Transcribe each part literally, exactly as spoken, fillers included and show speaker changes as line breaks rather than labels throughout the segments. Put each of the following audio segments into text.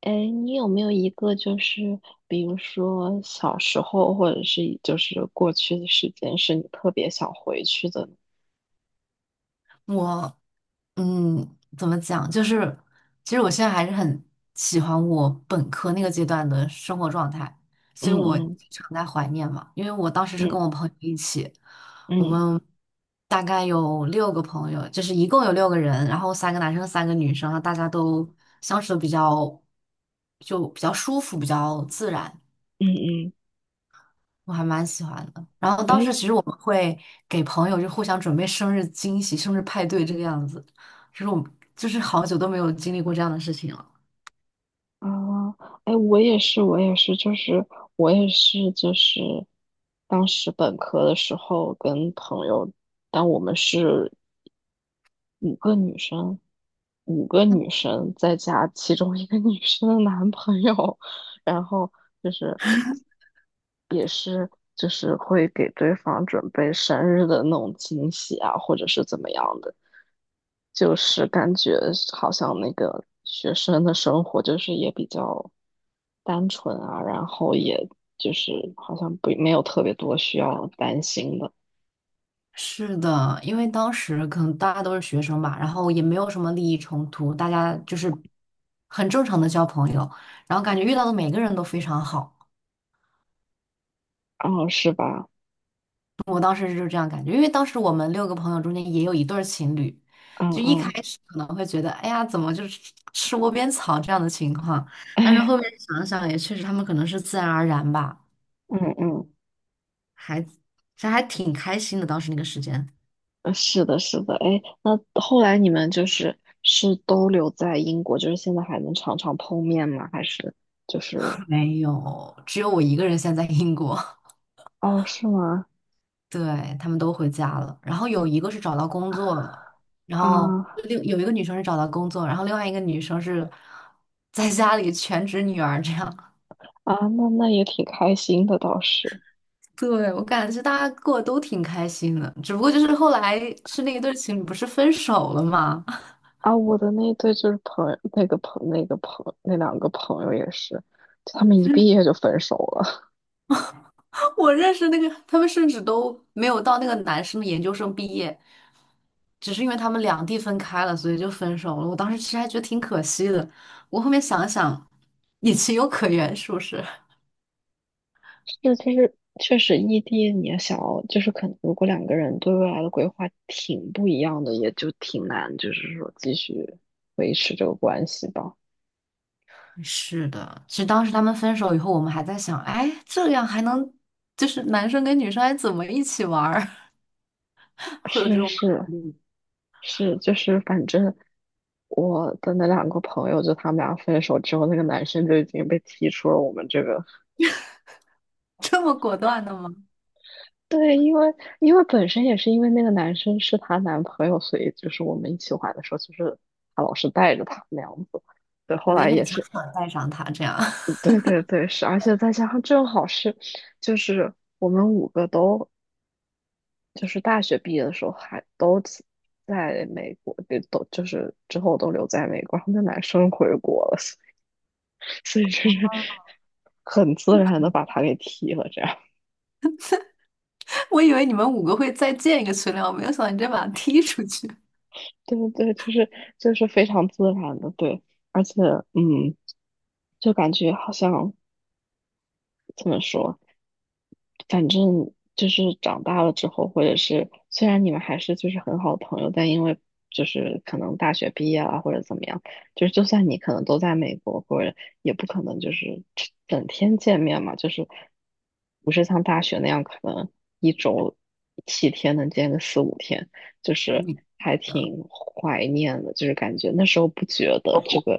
哎，你有没有一个就是，比如说小时候，或者是就是过去的时间，是你特别想回去的呢？
我嗯，怎么讲？就是其实我现在还是很喜欢我本科那个阶段的生活状态，
嗯
所以我
嗯
经常在怀念嘛。因为我当时是跟
嗯
我朋友一起，我
嗯
们大概有六个朋友，就是一共有六个人，然后三个男生，三个女生，然后大家都相处的比较就比较舒服，比较自然。
嗯嗯。
我还蛮喜欢的。然后当
哎。
时其实我们会给朋友就互相准备生日惊喜、生日派对这个样子，就是我们就是好久都没有经历过这样的事情了。
啊，哎，我也是，我也是，就是我也是，就是当时本科的时候跟朋友，但我们是五个女生，五个女生再加其中一个女生的男朋友，然后就是。也是就是会给对方准备生日的那种惊喜啊，或者是怎么样的，就是感觉好像那个学生的生活就是也比较单纯啊，然后也就是好像不没有特别多需要担心的。
是的，因为当时可能大家都是学生吧，然后也没有什么利益冲突，大家就是很正常的交朋友，然后感觉遇到的每个人都非常好。
哦，是吧？
我当时就是这样感觉，因为当时我们六个朋友中间也有一对儿情侣，
嗯
就一开
嗯，
始可能会觉得，哎呀，怎么就是吃吃窝边草这样的情况，但是
哎，
后面想想也确实，他们可能是自然而然吧，
嗯嗯。
还这还挺开心的。当时那个时间
呃是的，是的，哎，那后来你们就是是都留在英国，就是现在还能常常碰面吗？还是就是。
没有，只有我一个人现在在英国，
哦，是吗？
对，他们都回家了，然后有一个是找到工作了，然后
啊
另有一个女生是找到工作，然后另外一个女生是在家里全职女儿这样。
啊，那那也挺开心的，倒是。
对，我感觉大家过得都挺开心的，只不过就是后来是那一对情侣不是分手了嘛？
啊，我的那对就是朋友，那个朋那个朋那两个朋友也是，他们一毕业就分手了。
我认识那个，他们甚至都没有到那个男生的研究生毕业，只是因为他们两地分开了，所以就分手了。我当时其实还觉得挺可惜的，我后面想一想也情有可原，是不是？
那其实确实异地，你也想要，就是可能如果两个人对未来的规划挺不一样的，也就挺难，就是说继续维持这个关系吧。
是的，其实当时他们分手以后，我们还在想，哎，这样还能就是男生跟女生还怎么一起玩儿 会有这
是
种考
是
虑，
是，就是反正我的那两个朋友，就他们俩分手之后，那个男生就已经被踢出了我们这个。
这么果断的吗？
对，因为因为本身也是因为那个男生是她男朋友，所以就是我们一起玩的时候，就是她老是带着他那样子。对，后
勉
来也
勉强
是，
强带上他这样。
嗯对对对，是，而且再加上正好是，就是我们五个都就是大学毕业的时候还都在在美国，对，都就是之后都留在美国，然后那男生回国了，所以所以就是很自然的把他给踢了，这样。
我以为你们五个会再建一个群聊，我没有想到你直接把他踢出去。
对对，对，就是就是非常自然的，对，而且嗯，就感觉好像怎么说，反正就是长大了之后，或者是虽然你们还是就是很好的朋友，但因为就是可能大学毕业了或者怎么样，就是就算你可能都在美国，或者也不可能就是整天见面嘛，就是不是像大学那样可能一周七天能见个四五天，就是
你
还挺怀念的，就是感觉那时候不觉得这个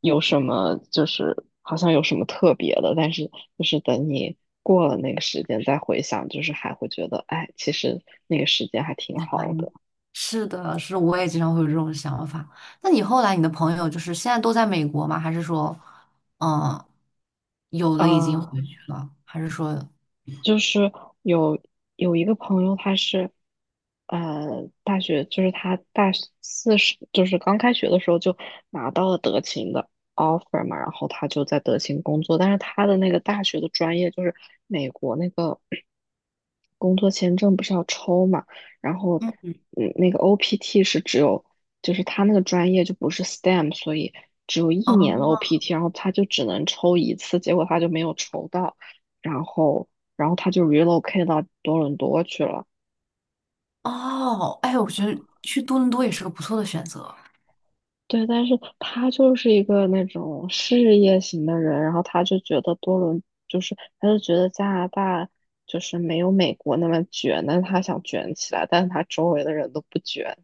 有什么就是好像有什么特别的，但是就是等你过了那个时间再回想，就是还会觉得，哎，其实那个时间还挺好的。
是的，是的我也经常会有这种想法。那你后来你的朋友就是现在都在美国吗？还是说，嗯，有
啊。
的已经回
呃
去了，还是说？
就是有有一个朋友，他是呃大学，就是他大四时，就是刚开学的时候就拿到了德勤的 offer 嘛，然后他就在德勤工作，但是他的那个大学的专业就是美国那个工作签证不是要抽嘛，然后
嗯，
嗯那个 O P T 是只有就是他那个专业就不是 STEM，所以只有一
哦
年的 O P T，然后他就只能抽一次，结果他就没有抽到。然后然后他就 relocate 到多伦多去了。
哦，哎，我觉得去多伦多也是个不错的选择。
对，但是他就是一个那种事业型的人，然后他就觉得多伦就是他就觉得加拿大就是没有美国那么卷，但是他想卷起来，但是他周围的人都不卷，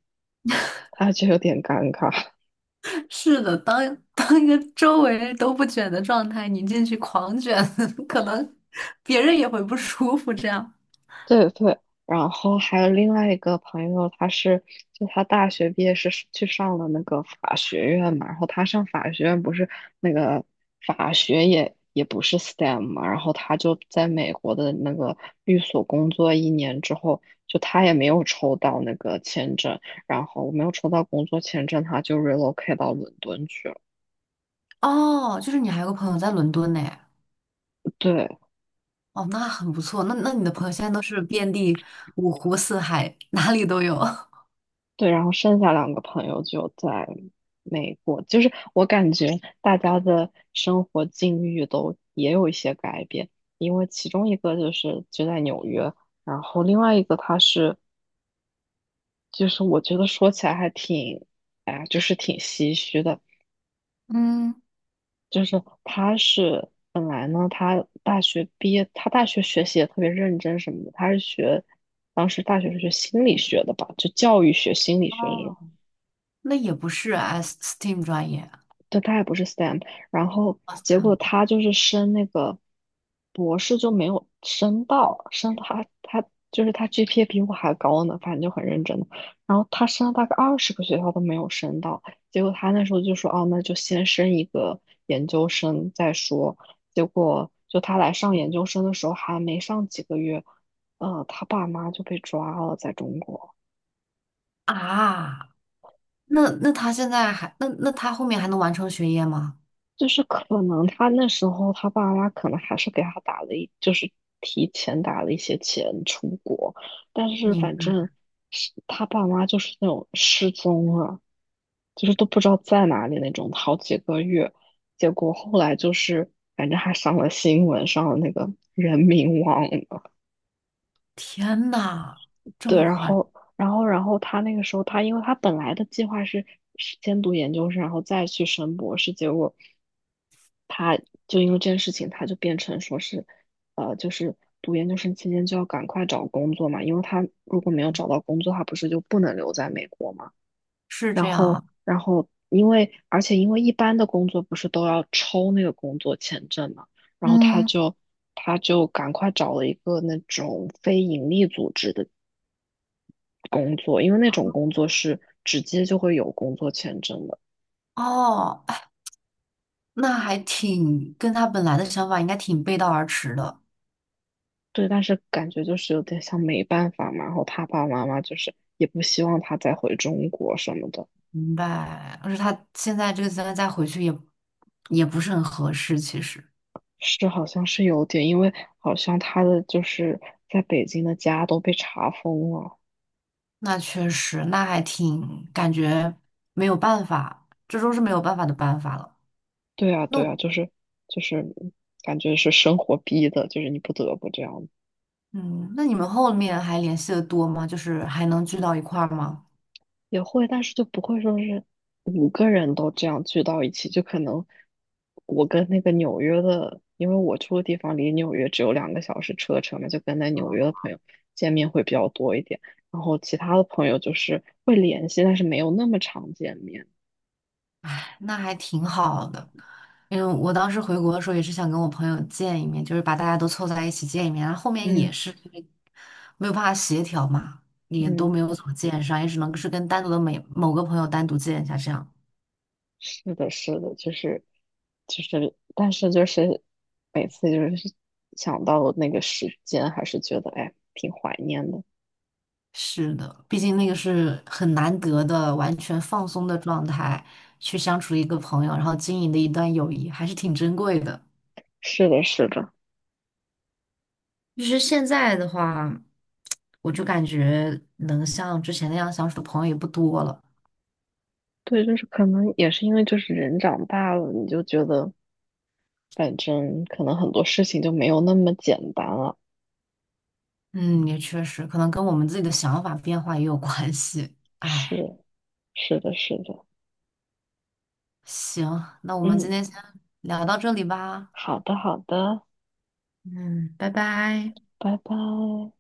他就有点尴尬。
是的，当 当一个周围人都不卷的状态，你进去狂卷，可能别人也会不舒服这样。
对对，然后还有另外一个朋友，他是就他大学毕业是去上了那个法学院嘛，然后他上法学院不是那个法学也也不是 STEM 嘛，然后他就在美国的那个律所工作一年之后，就他也没有抽到那个签证，然后我没有抽到工作签证，他就 relocate 到伦敦去了。
哦，就是你还有个朋友在伦敦呢。
对。
哦，那很不错。那那你的朋友现在都是遍地五湖四海，哪里都有。
对，然后剩下两个朋友就在美国，就是我感觉大家的生活境遇都也有一些改变，因为其中一个就是就在纽约，然后另外一个他是，就是我觉得说起来还挺，哎呀，就是挺唏嘘的，
嗯，
就是他是本来呢，他大学毕业，他大学学习也特别认真什么的，他是学，当时大学是学心理学的吧，就教育学、心理学这种。
哦，那也不是 S STEAM 专业啊。
对，他也不是 STEM，然后
s
结
a
果
m
他就是升那个博士就没有升到，升他他就是他 G P A 比我还高呢，反正就很认真的。然后他升了大概二十个学校都没有升到，结果他那时候就说，哦，那就先升一个研究生再说。结果就他来上研究生的时候还没上几个月，呃，他爸妈就被抓了，在中国。
啊，那那他现在还那那他后面还能完成学业吗？
就是可能他那时候他爸妈可能还是给他打了一，就是提前打了一些钱出国，但是
你们
反正是他爸妈就是那种失踪了，就是都不知道在哪里那种，好几个月，结果后来就是反正还上了新闻，上了那个人民网了。
天呐，这
对，
么
然
夸张？
后然后然后他那个时候他因为他本来的计划是是先读研究生，然后再去升博士，结果。就因为这件事情，他就变成说是，呃，就是读研究生期间就要赶快找工作嘛，因为他如果没有找到工作，他不是就不能留在美国嘛。
是
然
这样
后，
啊？
然后因为而且因为一般的工作不是都要抽那个工作签证嘛，然后他
嗯，
就他就赶快找了一个那种非盈利组织的工作，因为那种工作是直接就会有工作签证的。
哦，哎那还挺跟他本来的想法应该挺背道而驰的。
对，但是感觉就是有点像没办法嘛，然后他爸爸妈妈就是也不希望他再回中国什么的，
明白。而且他现在这个阶段再回去也也不是很合适，其实。
是好像是有点，因为好像他的就是在北京的家都被查封了。
那确实，那还挺感觉没有办法，这都是没有办法的办法了。
对啊，
那
对啊，
我
就是就是感觉是生活逼的，就是你不得不这样
嗯，那你们后面还联系的多吗？就是还能聚到一块儿吗？
也会，但是就不会说是五个人都这样聚到一起，就可能我跟那个纽约的，因为我住的地方离纽约只有两个小时车程嘛，就跟在纽约的朋友见面会比较多一点，然后其他的朋友就是会联系，但是没有那么常见面。
哎，那还挺好的。因为我当时回国的时候也是想跟我朋友见一面，就是把大家都凑在一起见一面，然后后面也
嗯
是因为没有办法协调嘛，也都
嗯，
没有怎么见上，也只能是跟单独的每某个朋友单独见一下这样。
是的，是的，就是就是，但是就是每次就是想到那个时间，还是觉得哎挺怀念的。
是的，毕竟那个是很难得的完全放松的状态，去相处一个朋友，然后经营的一段友谊，还是挺珍贵的。
是的，是的。
就是现在的话，我就感觉能像之前那样相处的朋友也不多了。
对，就是可能也是因为就是人长大了，你就觉得反正可能很多事情就没有那么简单了。
嗯，也确实，可能跟我们自己的想法变化也有关系。哎，
是，是的，是的，
行，那我们今
嗯，
天先聊到这里吧。
好的，好的，
嗯，拜拜。
拜拜。